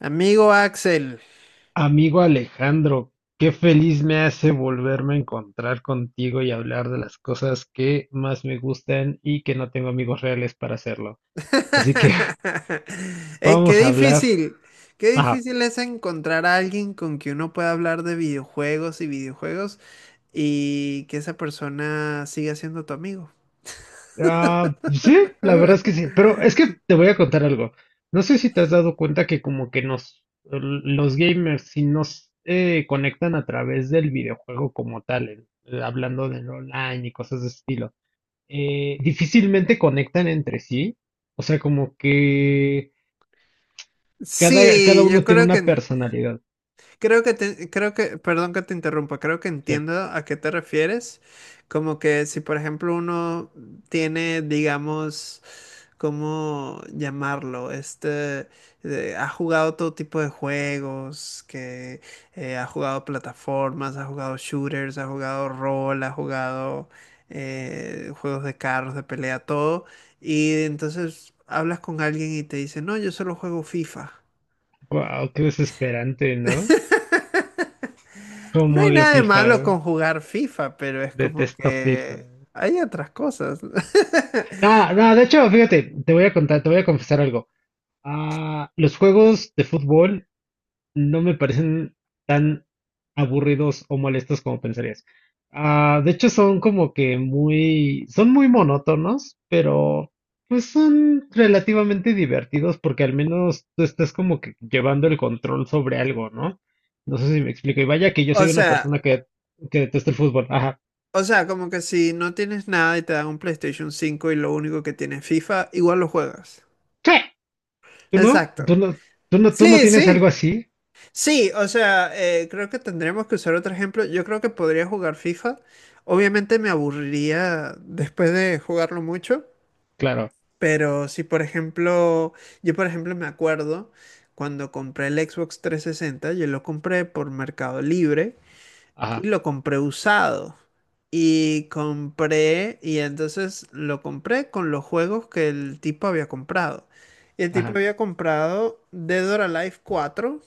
Amigo Axel. Amigo Alejandro, qué feliz me hace volverme a encontrar contigo y hablar de las cosas que más me gustan y que no tengo amigos reales para hacerlo. Así que Qué vamos a hablar. difícil, qué Ajá. difícil es encontrar a alguien con quien uno pueda hablar de videojuegos y videojuegos y que esa persona siga siendo tu amigo. Ah, sí, la verdad es que sí. Pero es que te voy a contar algo. No sé si te has dado cuenta que como que nos, los gamers, si nos conectan a través del videojuego como tal, hablando del online y cosas de ese estilo. Difícilmente conectan entre sí. O sea, como que cada Sí, yo uno tiene una personalidad. creo que te- creo que perdón que te interrumpa, creo que Sí. entiendo a qué te refieres. Como que si por ejemplo uno tiene, digamos, ¿cómo llamarlo? Ha jugado todo tipo de juegos, que ha jugado plataformas, ha jugado shooters, ha jugado rol, ha jugado juegos de carros, de pelea, todo. Y entonces hablas con alguien y te dice, no, yo solo juego FIFA. Wow, qué desesperante, ¿no? No Como hay odio nada de FIFA, malo güey. con jugar FIFA, pero es como Detesto FIFA. que hay otras cosas. Ah, no, de hecho, fíjate, te voy a contar, te voy a confesar algo. Ah, los juegos de fútbol no me parecen tan aburridos o molestos como pensarías. Ah, de hecho, son como que muy, son muy monótonos, pero pues son relativamente divertidos porque al menos tú estás como que llevando el control sobre algo, ¿no? No sé si me explico. Y vaya que yo O soy una sea, persona que detesta el fútbol. Ajá. O sea, como que si no tienes nada y te dan un PlayStation 5 y lo único que tienes FIFA, igual lo juegas. ¿Qué? ¿Tú no? ¿Tú Exacto. no? ¿Tú no? ¿Tú no Sí, tienes sí. algo así? Sí, o sea, creo que tendremos que usar otro ejemplo. Yo creo que podría jugar FIFA. Obviamente me aburriría después de jugarlo mucho, Claro. pero si por ejemplo, yo por ejemplo me acuerdo cuando compré el Xbox 360, yo lo compré por Mercado Libre y Ajá. lo compré usado. Y compré, y entonces lo compré con los juegos que el tipo había comprado. Y el tipo Ajá. había comprado Dead or Alive cuatro,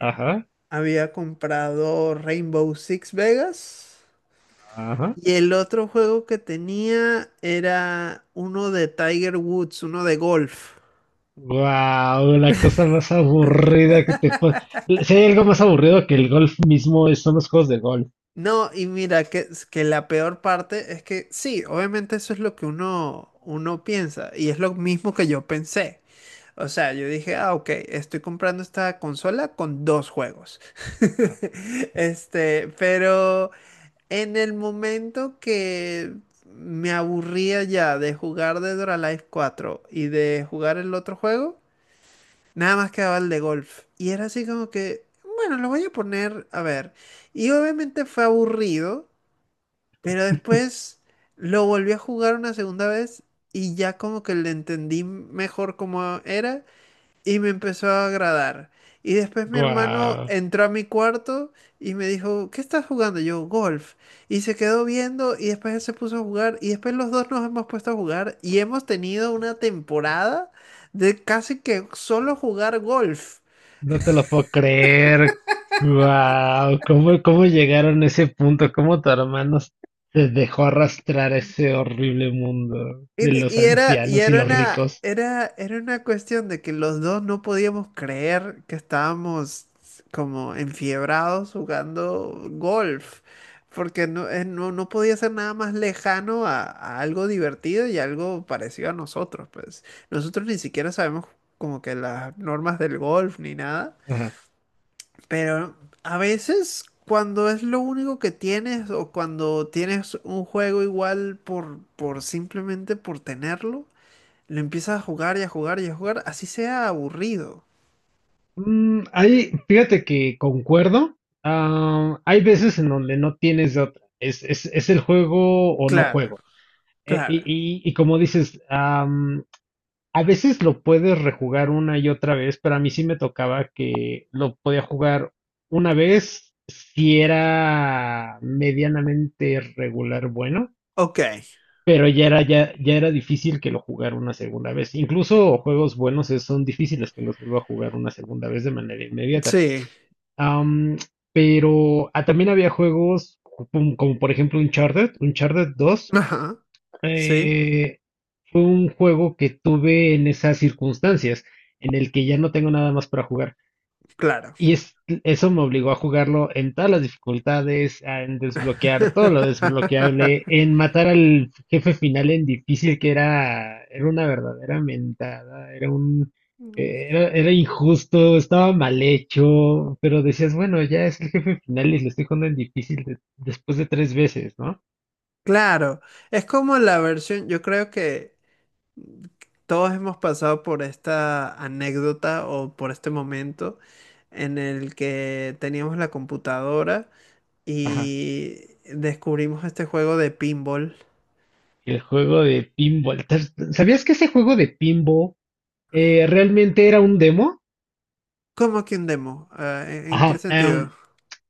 Ajá. había comprado Rainbow Six Vegas, Ajá. y el otro juego que tenía era uno de Tiger Woods, uno de golf. Wow, la cosa más aburrida que te puede. Si hay algo más aburrido que el golf mismo, son los juegos de golf. No, y mira, que, es que la peor parte es que sí, obviamente eso es lo que uno, uno piensa, y es lo mismo que yo pensé. O sea, yo dije, ah, ok, estoy comprando esta consola con dos juegos. Este, pero en el momento que me aburría ya de jugar Dead or Alive cuatro y de jugar el otro juego, nada más quedaba el de golf. Y era así como que, bueno, lo voy a poner, a ver. Y obviamente fue aburrido, pero después lo volví a jugar una segunda vez y ya como que le entendí mejor cómo era y me empezó a agradar. Y después mi hermano Wow, entró a mi cuarto y me dijo, ¿qué estás jugando? Yo, golf. Y se quedó viendo y después él se puso a jugar y después los dos nos hemos puesto a jugar y hemos tenido una temporada de casi que solo jugar golf. no te lo puedo creer. Wow, ¿cómo llegaron a ese punto? ¿Cómo tu hermano se dejó arrastrar a ese horrible mundo de los Y era, y ancianos y era los una, ricos? era, era una cuestión de que los dos no podíamos creer que estábamos como enfiebrados jugando golf, porque no, no, no podía ser nada más lejano a algo divertido y algo parecido a nosotros, pues. Nosotros ni siquiera sabemos como que las normas del golf ni nada, Ajá. pero a veces cuando es lo único que tienes o cuando tienes un juego igual por simplemente por tenerlo, lo empiezas a jugar y a jugar y a jugar, así sea aburrido. Ahí, fíjate que concuerdo. Ah, hay veces en donde no tienes de otra. Es el juego o no Claro, juego. Y, claro. y- y como dices, a veces lo puedes rejugar una y otra vez, pero a mí sí me tocaba que lo podía jugar una vez si era medianamente regular bueno, Ok, pero ya era difícil que lo jugara una segunda vez. Incluso juegos buenos son difíciles que los vuelva a jugar una segunda vez de manera inmediata. sí. Am, pero también había juegos como por ejemplo Uncharted dos. Ajá, sí, eh, un juego que tuve en esas circunstancias, en el que ya no tengo nada más para jugar. claro. Y eso me obligó a jugarlo en todas las dificultades, en desbloquear todo lo desbloqueable, en matar al jefe final en difícil, que era una verdadera mentada, era era injusto, estaba mal hecho, pero decías, bueno, ya es el jefe final y lo estoy jugando en difícil después de tres veces, ¿no? Claro, es como la versión, yo creo que todos hemos pasado por esta anécdota o por este momento en el que teníamos la computadora Ajá. y descubrimos este juego de pinball. El juego de pinball. ¿Sabías que ese juego de pinball realmente era un demo? ¿Cómo que un demo? Ah, en qué Ajá. Sentido?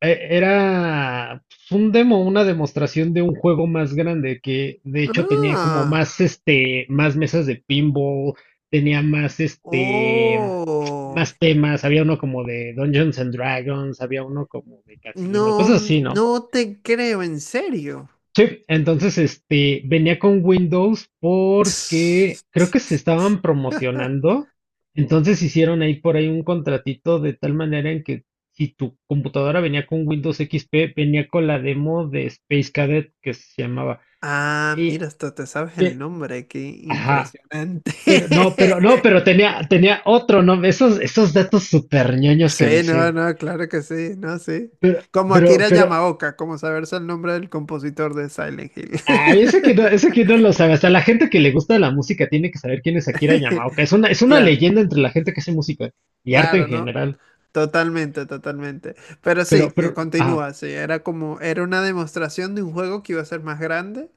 Era pues, un demo, una demostración de un juego más grande que de hecho tenía como Ah, más más mesas de pinball, tenía más oh, más temas, había uno como de Dungeons and Dragons, había uno como de casino, no, cosas así, ¿no? no te creo, en serio. Sí, entonces este venía con Windows porque creo que se estaban promocionando, entonces hicieron ahí por ahí un contratito de tal manera en que si tu computadora venía con Windows XP, venía con la demo de Space Cadet que se llamaba. Ah, Y, mira, hasta te sabes el eh, nombre, qué ajá, impresionante. pero no, pero no, pero tenía otro, ¿no? Esos datos súper ñoños que Sí, me no, sé. no, claro que sí, no, sí. Pero Como pero Akira pero Yamaoka, como saberse el nombre del compositor de Silent Hill. ay, ese que no lo sabe. Hasta la gente que le gusta la música tiene que saber quién es Akira Yamaoka. Es una Claro, leyenda entre la gente que hace música y arte en claro, ¿no? general. Totalmente, totalmente. Pero Pero, sí, pero, ajá, continúa, sí, era como, era una demostración de un juego que iba a ser más grande.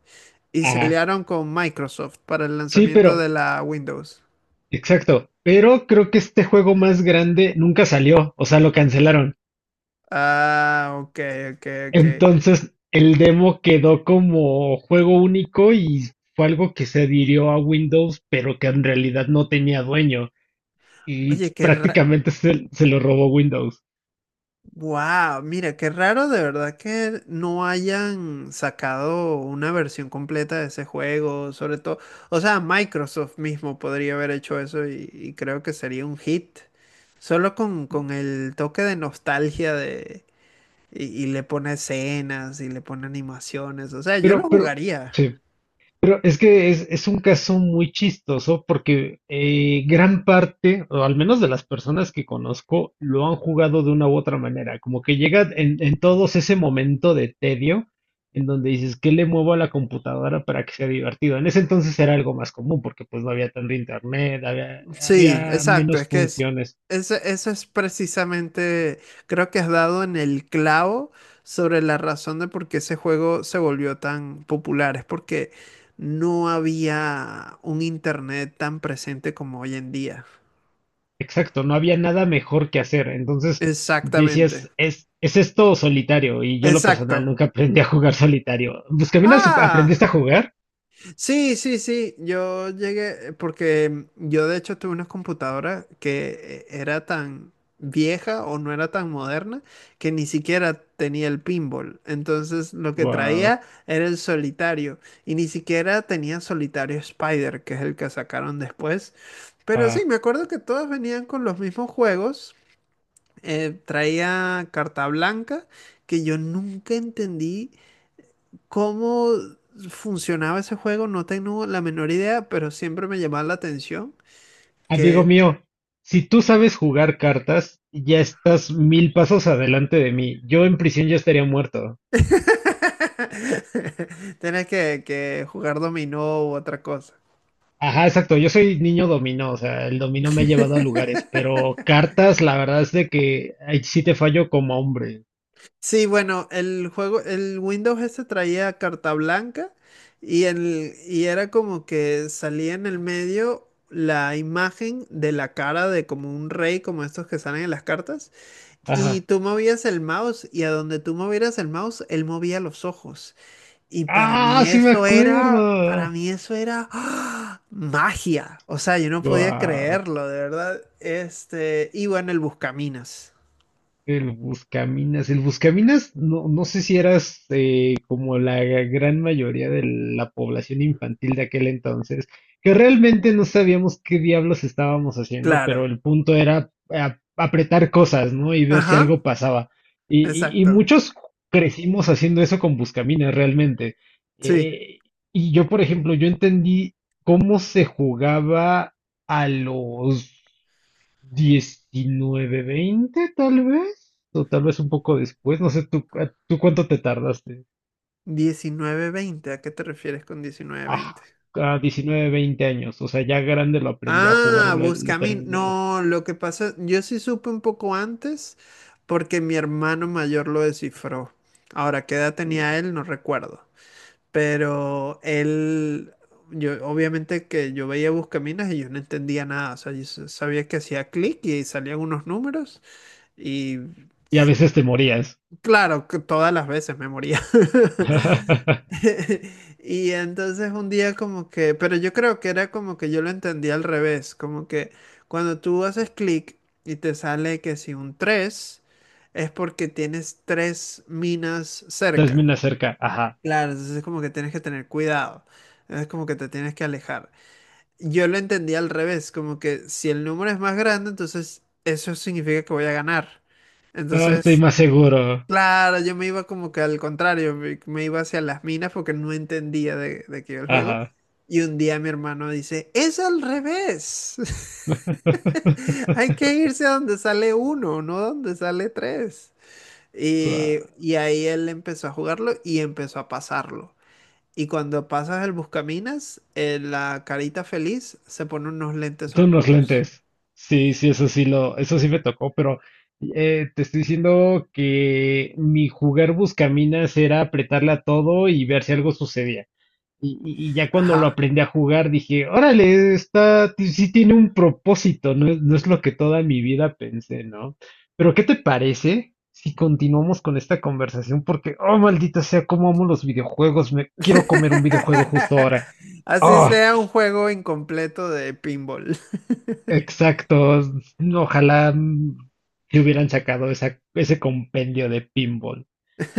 Y se ajá. aliaron con Microsoft para el Sí, lanzamiento pero, de la Windows. exacto. Pero creo que este juego más grande nunca salió. O sea, lo cancelaron. Ah, ok, ok, ok. Entonces, el demo quedó como juego único y fue algo que se adhirió a Windows, pero que en realidad no tenía dueño. Y Oye, qué raro. prácticamente se lo robó Windows. Wow, mira, qué raro de verdad que no hayan sacado una versión completa de ese juego, sobre todo. O sea, Microsoft mismo podría haber hecho eso y creo que sería un hit. Solo con el toque de nostalgia de. Y le pone escenas y le pone animaciones. O sea, yo lo Pero, pero, jugaría. sí. Pero es que es un caso muy chistoso porque gran parte, o al menos de las personas que conozco, lo han jugado de una u otra manera. Como que llega en todos ese momento de tedio en donde dices, ¿qué le muevo a la computadora para que sea divertido? En ese entonces era algo más común porque pues no había tanto internet, Sí, había exacto. menos Es que es, funciones. ese- Eso es precisamente, creo que has dado en el clavo sobre la razón de por qué ese juego se volvió tan popular. Es porque no había un internet tan presente como hoy en día. Exacto, no había nada mejor que hacer. Entonces Exactamente. decías, es esto solitario. Y yo, lo personal, Exacto. nunca aprendí a jugar solitario. Buscaminas, Ah. ¿aprendiste a jugar? Sí, sí, sí, yo llegué porque yo de hecho tuve una computadora que era tan vieja o no era tan moderna que ni siquiera tenía el pinball. Entonces lo que Wow. traía era el solitario y ni siquiera tenía solitario Spider, que es el que sacaron después. Pero sí, Ah, me acuerdo que todos venían con los mismos juegos. Traía carta blanca que yo nunca entendí. ¿Cómo funcionaba ese juego? No tengo la menor idea, pero siempre me llamaba la atención que amigo mío, si tú sabes jugar cartas, ya estás mil pasos adelante de mí. Yo en prisión ya estaría muerto. tienes que jugar dominó u otra cosa. Ajá, exacto. Yo soy niño dominó, o sea, el dominó me ha llevado a lugares, pero cartas, la verdad es de que ahí sí te fallo como hombre. Sí, bueno, el juego, el Windows ese traía carta blanca y, el, y era como que salía en el medio la imagen de la cara de como un rey, como estos que salen en las cartas, y Ajá. tú movías el mouse y a donde tú movieras el mouse, él movía los ojos. Y para Ah, mí sí me eso era, para acuerdo. mí eso era ¡ah! Magia. O sea, yo no podía Guau. creerlo, de verdad. Este, y bueno, el Buscaminas. El Buscaminas, no, no sé si eras como la gran mayoría de la población infantil de aquel entonces, que realmente no sabíamos qué diablos estábamos haciendo, pero Claro. el punto era apretar cosas, ¿no? Y ver si algo Ajá, pasaba. Y exacto. muchos crecimos haciendo eso con Buscaminas, realmente. Sí. Eh, y yo, por ejemplo, yo entendí cómo se jugaba a los 19, 20 tal vez, o tal vez un poco después, no sé, ¿tú cuánto te tardaste? Diecinueve veinte ¿a qué te refieres con diecinueve Ah, veinte? a 19, 20 años, o sea, ya grande lo aprendí a jugar Ah, o le Buscaminas. terminé. No, lo que pasa, yo sí supe un poco antes porque mi hermano mayor lo descifró. Ahora, ¿qué edad tenía él? No recuerdo. Pero él, yo obviamente que yo veía Buscaminas y yo no entendía nada. O sea, sabía que hacía clic y salían unos números y Y a s- veces te morías. claro, que todas las veces me moría. Y entonces un día como que, pero yo creo que era como que yo lo entendía al revés, como que cuando tú haces clic y te sale que si un 3 es porque tienes tres minas cerca. Termina cerca, ajá. Claro, entonces es como que tienes que tener cuidado, es como que te tienes que alejar. Yo lo entendí al revés, como que si el número es más grande, entonces eso significa que voy a ganar. Ah, estoy Entonces, más seguro, claro, yo me iba como que al contrario, me iba hacia las minas porque no entendía de qué iba el juego. ajá. Y un día mi hermano dice, es al revés, hay que irse a donde sale uno, no donde sale tres. Guau. Y ahí él empezó a jugarlo y empezó a pasarlo. Y cuando pasas el buscaminas, la carita feliz se pone unos lentes Son los oscuros. lentes. Sí, sí, eso sí me tocó, pero te estoy diciendo que mi jugar buscaminas era apretarle a todo y ver si algo sucedía. Y ya cuando lo Ajá. aprendí a jugar dije, órale, sí tiene un propósito, no es lo que toda mi vida pensé, ¿no? Pero ¿qué te parece si continuamos con esta conversación? Porque, oh, maldita sea, cómo amo los videojuegos, me quiero comer un videojuego justo ahora. Así ¡Ah! sea un juego incompleto de pinball. Exacto. Ojalá que hubieran sacado esa, ese compendio de pinball.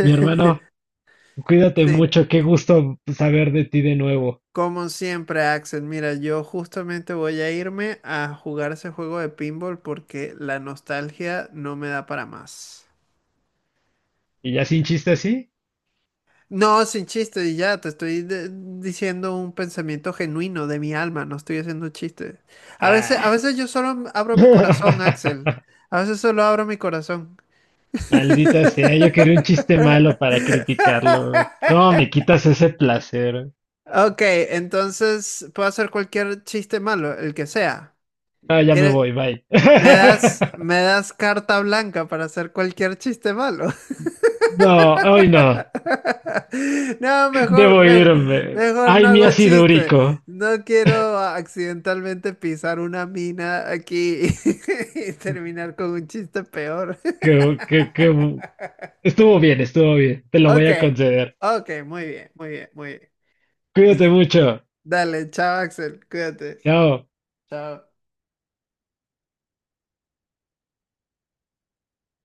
Mi hermano, cuídate Sí, mucho. Qué gusto saber de ti de nuevo. como siempre, Axel. Mira, yo justamente voy a irme a jugar ese juego de pinball porque la nostalgia no me da para más. ¿Y ya sin chiste así? No, sin chiste, y ya te estoy diciendo un pensamiento genuino de mi alma, no estoy haciendo chistes. A Ah. veces yo abro mi corazón, Axel. A veces solo abro mi corazón. Maldita sea, yo quería un chiste malo para criticarlo. ¿Cómo me quitas ese placer? Ok, entonces puedo hacer cualquier chiste malo, el que sea. Ah, ya me ¿Quieres? voy, bye. Me das carta blanca para hacer cualquier chiste malo? No, hoy no. No, Debo irme. mejor no Ay, mi hago ácido chiste. úrico. No quiero accidentalmente pisar una mina aquí y terminar con un chiste peor. Qué. Estuvo bien, estuvo bien. Te lo voy Ok, a conceder. ok, muy bien, muy bien, muy bien. Cuídate Listo. mucho. Dale, chao, Axel, cuídate. Chao. Chao.